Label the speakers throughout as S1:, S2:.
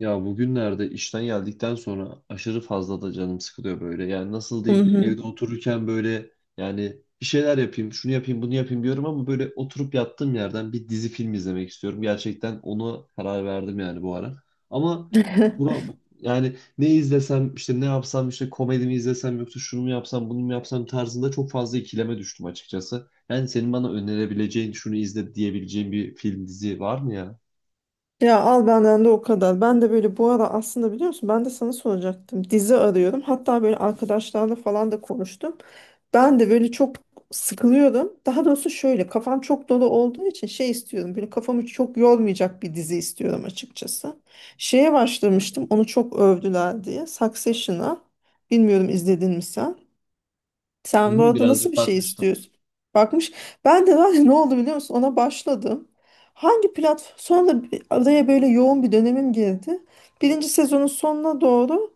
S1: Ya bugünlerde işten geldikten sonra aşırı fazla da canım sıkılıyor böyle. Yani nasıl
S2: Hı
S1: diyeyim,
S2: hı.
S1: evde otururken böyle yani bir şeyler yapayım, şunu yapayım, bunu yapayım diyorum ama böyle oturup yattığım yerden bir dizi film izlemek istiyorum. Gerçekten ona karar verdim yani bu ara. Ama buna yani ne izlesem işte, ne yapsam işte, komedi mi izlesem yoksa şunu mu yapsam bunu mu yapsam tarzında çok fazla ikileme düştüm açıkçası. Yani senin bana önerebileceğin, şunu izle diyebileceğin bir film, dizi var mı ya?
S2: Ya al benden de o kadar. Ben de böyle bu ara aslında biliyor musun ben de sana soracaktım. Dizi arıyorum. Hatta böyle arkadaşlarla falan da konuştum. Ben de böyle çok sıkılıyorum. Daha doğrusu şöyle kafam çok dolu olduğu için şey istiyorum. Böyle kafamı çok yormayacak bir dizi istiyorum açıkçası. Şeye başlamıştım. Onu çok övdüler diye. Succession'a. Bilmiyorum izledin mi sen?
S1: Hı
S2: Sen bu
S1: hı,
S2: arada nasıl
S1: birazcık
S2: bir şey
S1: bakmıştım.
S2: istiyorsun? Bakmış. Ben de var ya ne oldu biliyor musun? Ona başladım. Hangi platform? Sonra araya böyle yoğun bir dönemim girdi. Birinci sezonun sonuna doğru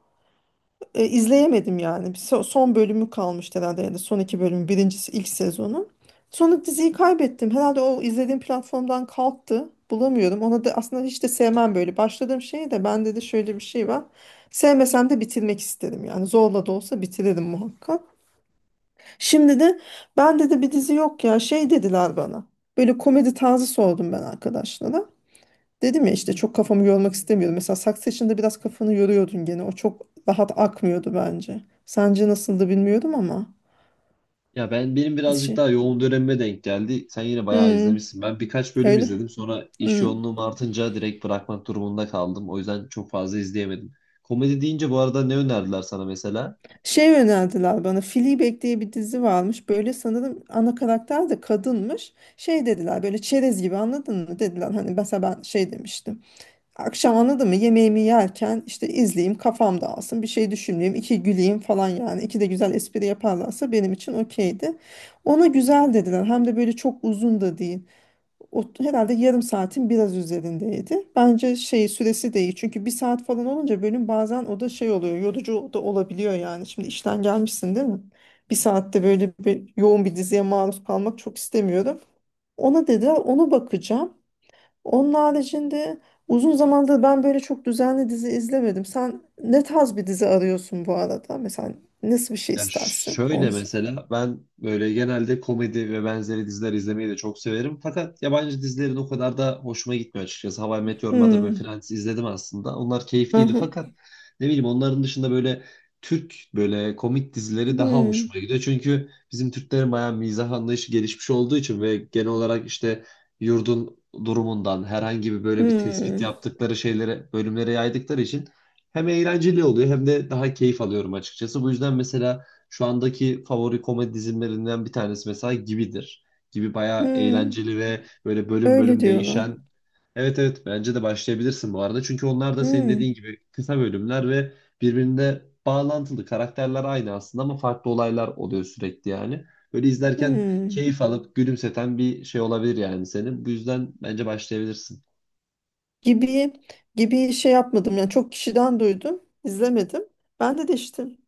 S2: izleyemedim yani. Bir son bölümü kalmıştı herhalde ya da son iki bölümü. Birincisi ilk sezonu. Sonra diziyi kaybettim. Herhalde o izlediğim platformdan kalktı. Bulamıyorum. Ona da aslında hiç de sevmem böyle. Başladığım şey de bende de şöyle bir şey var. Sevmesem de bitirmek isterim yani. Zorla da olsa bitiririm muhakkak. Şimdi de ben dedi bir dizi yok ya şey dediler bana. Böyle komedi tarzı sordum ben arkadaşlara. Dedim ya işte çok kafamı yormak istemiyorum. Mesela Succession'da biraz kafanı yoruyordun gene. O çok rahat akmıyordu bence. Sence nasıldı bilmiyorum ama.
S1: Ya benim birazcık
S2: Şey.
S1: daha yoğun dönemime denk geldi. Sen yine bayağı
S2: Hmm,
S1: izlemişsin. Ben birkaç bölüm
S2: öyle.
S1: izledim. Sonra iş
S2: Hmm.
S1: yoğunluğum artınca direkt bırakmak durumunda kaldım. O yüzden çok fazla izleyemedim. Komedi deyince bu arada ne önerdiler sana mesela?
S2: Şey önerdiler bana. Fleabag diye bir dizi varmış. Böyle sanırım ana karakter de kadınmış. Şey dediler böyle çerez gibi anladın mı? Dediler hani mesela ben şey demiştim. Akşam anladın mı? Yemeğimi yerken işte izleyeyim, kafam dağılsın, bir şey düşünmeyeyim, iki güleyim falan yani. İki de güzel espri yaparlarsa benim için okeydi. Ona güzel dediler. Hem de böyle çok uzun da değil. O, herhalde yarım saatin biraz üzerindeydi. Bence şey süresi de iyi. Çünkü bir saat falan olunca bölüm bazen o da şey oluyor. Yorucu da olabiliyor yani. Şimdi işten gelmişsin değil mi? Bir saatte böyle bir, yoğun bir diziye maruz kalmak çok istemiyorum. Ona dediler, onu bakacağım. Onun haricinde uzun zamandır ben böyle çok düzenli dizi izlemedim. Sen ne tarz bir dizi arıyorsun bu arada? Mesela nasıl bir şey
S1: Ya
S2: istersin?
S1: şöyle,
S2: Olsun.
S1: mesela ben böyle genelde komedi ve benzeri diziler izlemeyi de çok severim. Fakat yabancı dizilerin o kadar da hoşuma gitmiyor açıkçası. How I Met Your Mother ve
S2: Hmm.
S1: Friends izledim aslında. Onlar keyifliydi,
S2: Aha.
S1: fakat ne bileyim, onların dışında böyle Türk böyle komik dizileri daha
S2: Hmm.
S1: hoşuma gidiyor. Çünkü bizim Türklerin bayağı mizah anlayışı gelişmiş olduğu için ve genel olarak işte yurdun durumundan herhangi bir böyle bir tespit
S2: Hmm.
S1: yaptıkları şeylere, bölümlere yaydıkları için hem eğlenceli oluyor hem de daha keyif alıyorum açıkçası. Bu yüzden mesela şu andaki favori komedi dizilerinden bir tanesi mesela Gibidir. Gibi bayağı
S2: Hmm.
S1: eğlenceli ve böyle bölüm
S2: Öyle
S1: bölüm
S2: diyorlar.
S1: değişen. Evet evet, bence de başlayabilirsin bu arada. Çünkü onlar da senin dediğin
S2: Hmm.
S1: gibi kısa bölümler ve birbirine bağlantılı. Karakterler aynı aslında ama farklı olaylar oluyor sürekli yani. Böyle izlerken
S2: Hmm.
S1: keyif alıp gülümseten bir şey olabilir yani senin. Bu yüzden bence başlayabilirsin.
S2: Gibi gibi şey yapmadım. Yani çok kişiden duydum. İzlemedim. Ben de değiştim.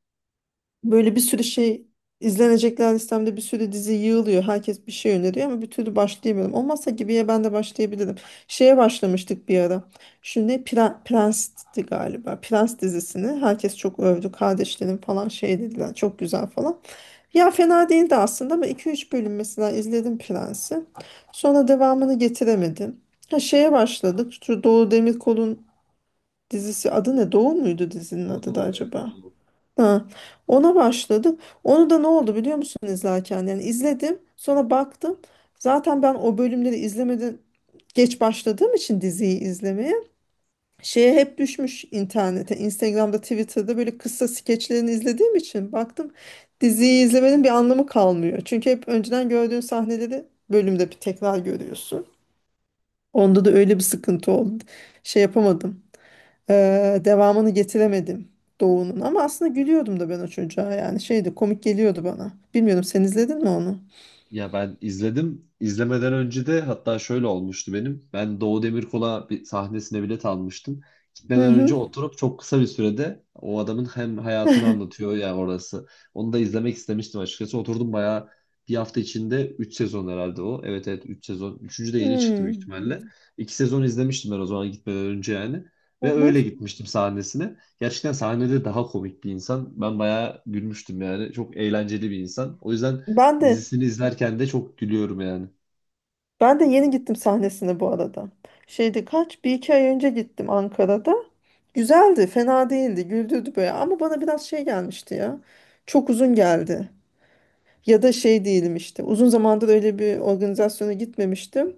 S2: Böyle bir sürü şey izlenecekler listemde bir sürü dizi yığılıyor. Herkes bir şey öneriyor ama bir türlü başlayamıyorum. Olmazsa Gibi'ye ben de başlayabilirim. Şeye başlamıştık bir ara. Şimdi ne Prens'ti galiba. Prens dizisini herkes çok övdü. Kardeşlerim falan şey dediler. Çok güzel falan. Ya fena değildi aslında ama iki üç bölüm mesela izledim Prens'i. Sonra devamını getiremedim. Ha şeye başladık. Şu Doğu Demirkol'un dizisi adı ne? Doğu muydu dizinin
S1: Doğu,
S2: adı da
S1: Doğu, evet,
S2: acaba?
S1: Doğu.
S2: Ha, ona başladım. Onu da ne oldu biliyor musun izlerken? Yani izledim, sonra baktım. Zaten ben o bölümleri izlemeden geç başladığım için diziyi izlemeye şeye hep düşmüş internete, Instagram'da, Twitter'da böyle kısa skeçlerini izlediğim için baktım diziyi izlemenin bir anlamı kalmıyor. Çünkü hep önceden gördüğün sahneleri bölümde bir tekrar görüyorsun. Onda da öyle bir sıkıntı oldu. Şey yapamadım. Devamını getiremedim Doğu'nun ama aslında gülüyordum da ben o çocuğa yani şeydi komik geliyordu bana. Bilmiyorum sen izledin mi onu?
S1: Ya, ben izledim. İzlemeden önce de hatta şöyle olmuştu benim. Ben Doğu Demirkol'a, bir sahnesine bilet almıştım.
S2: Hı
S1: Gitmeden önce
S2: hı.
S1: oturup çok kısa bir sürede o adamın hem hayatını anlatıyor ya orası. Onu da izlemek istemiştim açıkçası. Oturdum bayağı bir hafta içinde 3 sezon herhalde o. Evet evet, 3 sezon. Üçüncü de yeni çıktı büyük
S2: Hmm.
S1: ihtimalle. 2 sezon izlemiştim ben o zaman gitmeden önce yani.
S2: Hı
S1: Ve
S2: hı.
S1: öyle gitmiştim sahnesine. Gerçekten sahnede daha komik bir insan. Ben bayağı gülmüştüm yani. Çok eğlenceli bir insan. O yüzden
S2: Ben de
S1: dizisini izlerken de çok gülüyorum yani.
S2: Ben de yeni gittim sahnesine bu arada. Şeydi kaç bir iki ay önce gittim Ankara'da. Güzeldi, fena değildi, güldürdü böyle ama bana biraz şey gelmişti ya. Çok uzun geldi. Ya da şey değilim işte. Uzun zamandır öyle bir organizasyona gitmemiştim.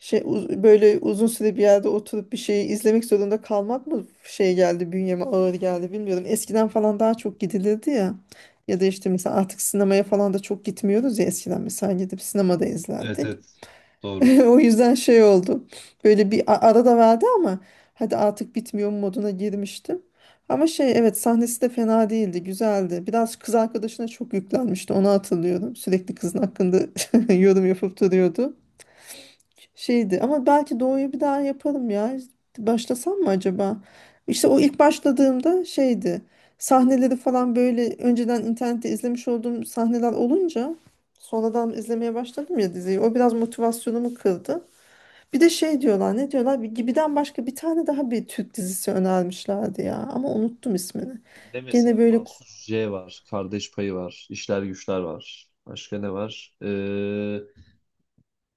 S2: Şey böyle uzun süre bir yerde oturup bir şeyi izlemek zorunda kalmak mı şey geldi bünyeme ağır geldi bilmiyorum. Eskiden falan daha çok gidilirdi ya. Ya da işte mesela artık sinemaya falan da çok gitmiyoruz ya eskiden mesela gidip sinemada
S1: Evet
S2: izlerdik.
S1: evet. Doğru.
S2: O yüzden şey oldu. Böyle bir ara da verdi ama hadi artık bitmiyor moduna girmiştim. Ama şey evet sahnesi de fena değildi, güzeldi. Biraz kız arkadaşına çok yüklenmişti, onu hatırlıyorum. Sürekli kızın hakkında yorum yapıp duruyordu. Şeydi ama belki Doğu'yu bir daha yaparım ya. Başlasam mı acaba? İşte o ilk başladığımda şeydi. Sahneleri falan böyle önceden internette izlemiş olduğum sahneler olunca sonradan izlemeye başladım ya diziyi. O biraz motivasyonumu kırdı. Bir de şey diyorlar ne diyorlar bir Gibi'den başka bir tane daha bir Türk dizisi önermişlerdi ya ama unuttum ismini.
S1: Ne
S2: Gene
S1: mesela,
S2: böyle
S1: Mahsus J var. Kardeş Payı var. İşler Güçler var. Başka ne var?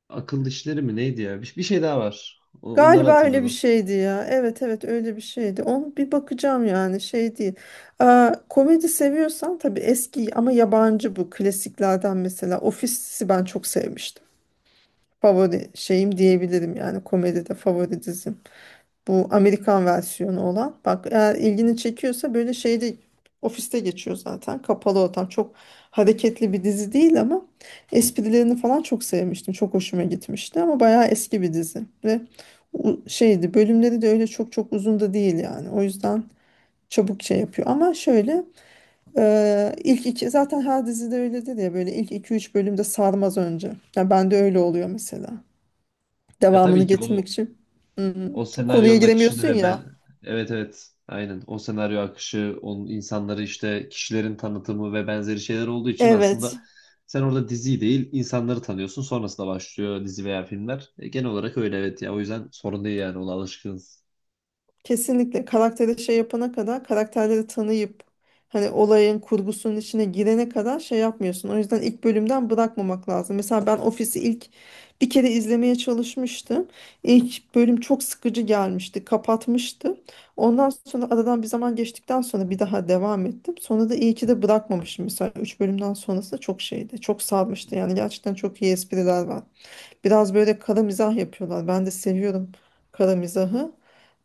S1: Akıl işleri mi neydi ya? Bir şey daha var. Onları
S2: galiba öyle bir
S1: hatırladım.
S2: şeydi ya evet evet öyle bir şeydi onu bir bakacağım yani şey değil. Aa, komedi seviyorsan tabii eski ama yabancı bu klasiklerden mesela Office'i ben çok sevmiştim. Favori şeyim diyebilirim yani komedide favori dizim. Bu Amerikan versiyonu olan. Bak eğer ilgini çekiyorsa böyle şeyde ofiste geçiyor zaten. Kapalı ortam. Çok hareketli bir dizi değil ama esprilerini falan çok sevmiştim. Çok hoşuma gitmişti ama bayağı eski bir dizi. Ve şeydi bölümleri de öyle çok çok uzun da değil yani. O yüzden çabuk şey yapıyor. Ama şöyle ilk iki zaten her dizide öyledir ya böyle ilk iki üç bölümde sarmaz önce. Yani bende öyle oluyor mesela.
S1: Ya
S2: Devamını
S1: tabii ki
S2: getirmek
S1: o
S2: için. Hmm,
S1: O
S2: konuya
S1: senaryonun akışını
S2: giremiyorsun
S1: ve
S2: ya.
S1: ben, evet evet, aynen, o senaryo akışı, onun insanları işte, kişilerin tanıtımı ve benzeri şeyler olduğu için aslında
S2: Evet,
S1: sen orada diziyi değil insanları tanıyorsun, sonrasında başlıyor dizi veya filmler. Genel olarak öyle evet ya, o yüzden sorun değil yani, ona alışkınız.
S2: kesinlikle karakteri şey yapana kadar karakterleri tanıyıp hani olayın kurgusunun içine girene kadar şey yapmıyorsun. O yüzden ilk bölümden bırakmamak lazım. Mesela ben Office'i ilk bir kere izlemeye çalışmıştım. İlk bölüm çok sıkıcı gelmişti, kapatmıştım. Ondan sonra aradan bir zaman geçtikten sonra bir daha devam ettim. Sonra da iyi ki de bırakmamışım. Mesela 3 bölümden sonrası çok şeydi, çok sarmıştı. Yani gerçekten çok iyi espriler var. Biraz böyle kara mizah yapıyorlar. Ben de seviyorum kara mizahı.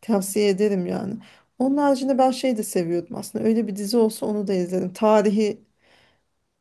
S2: Tavsiye ederim yani. Onun haricinde ben şey de seviyordum aslında. Öyle bir dizi olsa onu da izlerim. Tarihi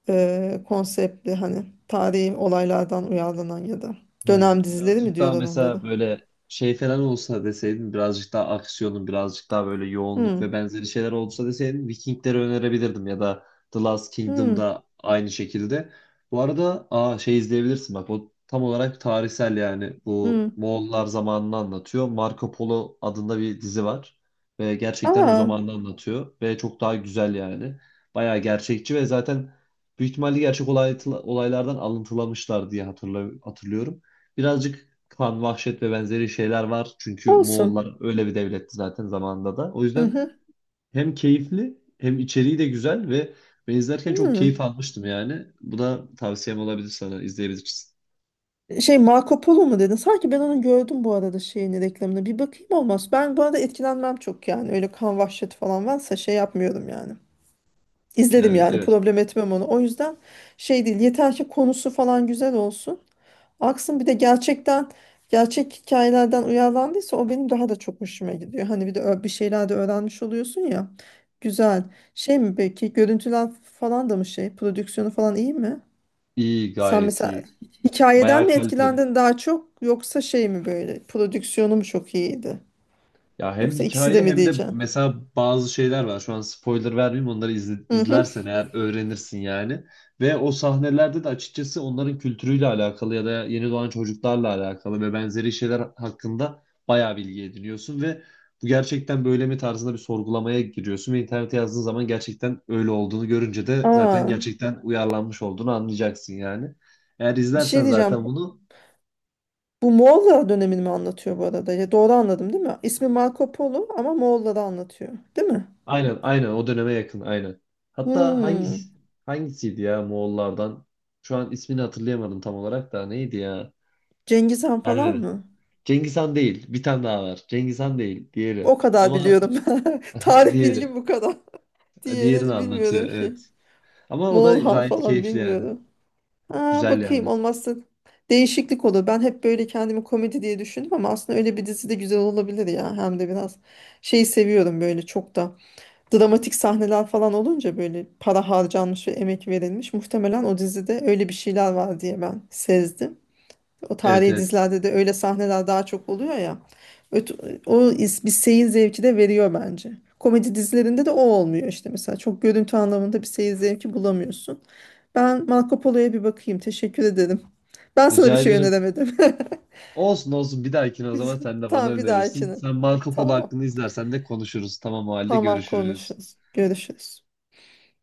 S2: konseptli hani tarihi olaylardan uyarlanan ya da dönem dizileri mi
S1: Birazcık daha
S2: diyorlar
S1: mesela
S2: onlara?
S1: böyle şey falan olsa deseydin, birazcık daha aksiyonun, birazcık daha böyle yoğunluk ve
S2: Hmm.
S1: benzeri şeyler olsa deseydin Vikingleri önerebilirdim ya da The Last
S2: Hmm.
S1: Kingdom'da aynı şekilde. Bu arada şey izleyebilirsin, bak o tam olarak tarihsel yani, bu
S2: Hmm.
S1: Moğollar zamanını anlatıyor. Marco Polo adında bir dizi var ve gerçekten o
S2: Aa,
S1: zamanını anlatıyor ve çok daha güzel yani. Bayağı gerçekçi ve zaten büyük ihtimalle gerçek olaylardan alıntılamışlar diye hatırlıyorum. Birazcık kan, vahşet ve benzeri şeyler var. Çünkü
S2: olsun.
S1: Moğollar öyle bir devletti zaten zamanında da. O
S2: Hı
S1: yüzden
S2: hı.
S1: hem keyifli hem içeriği de güzel ve ben izlerken çok keyif
S2: Hmm.
S1: almıştım yani. Bu da tavsiyem olabilir sana, izleyebilirsin.
S2: Şey Marco Polo mu dedin? Sanki ben onu gördüm bu arada şeyini reklamını. Bir bakayım olmaz. Ben bu arada etkilenmem çok yani. Öyle kan vahşeti falan varsa şey yapmıyorum yani. İzledim
S1: Yani
S2: yani
S1: evet,
S2: problem etmem onu. O yüzden şey değil yeter ki konusu falan güzel olsun. Aksın bir de gerçekten gerçek hikayelerden uyarlandıysa o benim daha da çok hoşuma gidiyor. Hani bir de bir şeyler de öğrenmiş oluyorsun ya. Güzel. Şey mi peki görüntüler falan da mı şey prodüksiyonu falan iyi mi?
S1: iyi,
S2: Sen
S1: gayet
S2: mesela
S1: iyi.
S2: hikayeden
S1: Bayağı
S2: mi
S1: kaliteli.
S2: etkilendin daha çok yoksa şey mi böyle prodüksiyonu mu çok iyiydi?
S1: Ya hem
S2: Yoksa ikisi de
S1: hikaye
S2: mi
S1: hem de
S2: diyeceğim?
S1: mesela bazı şeyler var. Şu an spoiler vermeyeyim. Onları
S2: Hı hı.
S1: izlersen eğer öğrenirsin yani. Ve o sahnelerde de açıkçası onların kültürüyle alakalı ya da yeni doğan çocuklarla alakalı ve benzeri şeyler hakkında bayağı bilgi ediniyorsun ve bu gerçekten böyle mi tarzında bir sorgulamaya giriyorsun ve internete yazdığın zaman gerçekten öyle olduğunu görünce de zaten
S2: Aa,
S1: gerçekten uyarlanmış olduğunu anlayacaksın yani. Eğer
S2: bir
S1: izlersen
S2: şey
S1: zaten
S2: diyeceğim.
S1: bunu.
S2: Bu Moğollar dönemini mi anlatıyor bu arada? Ya doğru anladım değil mi? İsmi Marco Polo ama Moğolları anlatıyor. Değil mi?
S1: Aynen aynen, o döneme yakın, aynen. Hatta hangisi
S2: Hmm.
S1: hangisiydi ya Moğollardan? Şu an ismini hatırlayamadım, tam olarak da neydi ya?
S2: Cengiz Han falan
S1: Ermeni.
S2: mı?
S1: Cengiz Han değil. Bir tane daha var. Cengiz Han değil. Diğeri.
S2: O kadar
S1: Ama
S2: biliyorum. Tarih
S1: diğeri.
S2: bilgim bu kadar. Diğeri
S1: Diğerini anlatıyor,
S2: bilmiyorum ki.
S1: evet. Ama o da
S2: Moğol Han
S1: gayet
S2: falan
S1: keyifli yani.
S2: bilmiyorum. Aa,
S1: Güzel
S2: bakayım
S1: yani.
S2: olmazsa değişiklik olur. Ben hep böyle kendimi komedi diye düşündüm ama aslında öyle bir dizi de güzel olabilir ya. Hem de biraz şey seviyorum böyle çok da. Dramatik sahneler falan olunca böyle para harcanmış ve emek verilmiş. Muhtemelen o dizide öyle bir şeyler var diye ben sezdim. O
S1: Evet
S2: tarihi
S1: evet.
S2: dizilerde de öyle sahneler daha çok oluyor ya. Öt- Bir seyir zevki de veriyor bence. Komedi dizilerinde de o olmuyor işte mesela. Çok görüntü anlamında bir seyir zevki bulamıyorsun. Ben Marco Polo'ya bir bakayım. Teşekkür ederim. Ben sana bir
S1: Rica
S2: şey
S1: ederim.
S2: öneremedim.
S1: Olsun olsun, bir dahakine o zaman sen de bana
S2: Tamam bir
S1: önerirsin.
S2: dahakine.
S1: Sen Marco Polo
S2: Tamam.
S1: hakkında izlersen de konuşuruz. Tamam, o halde
S2: Tamam
S1: görüşürüz.
S2: konuşuruz. Görüşürüz.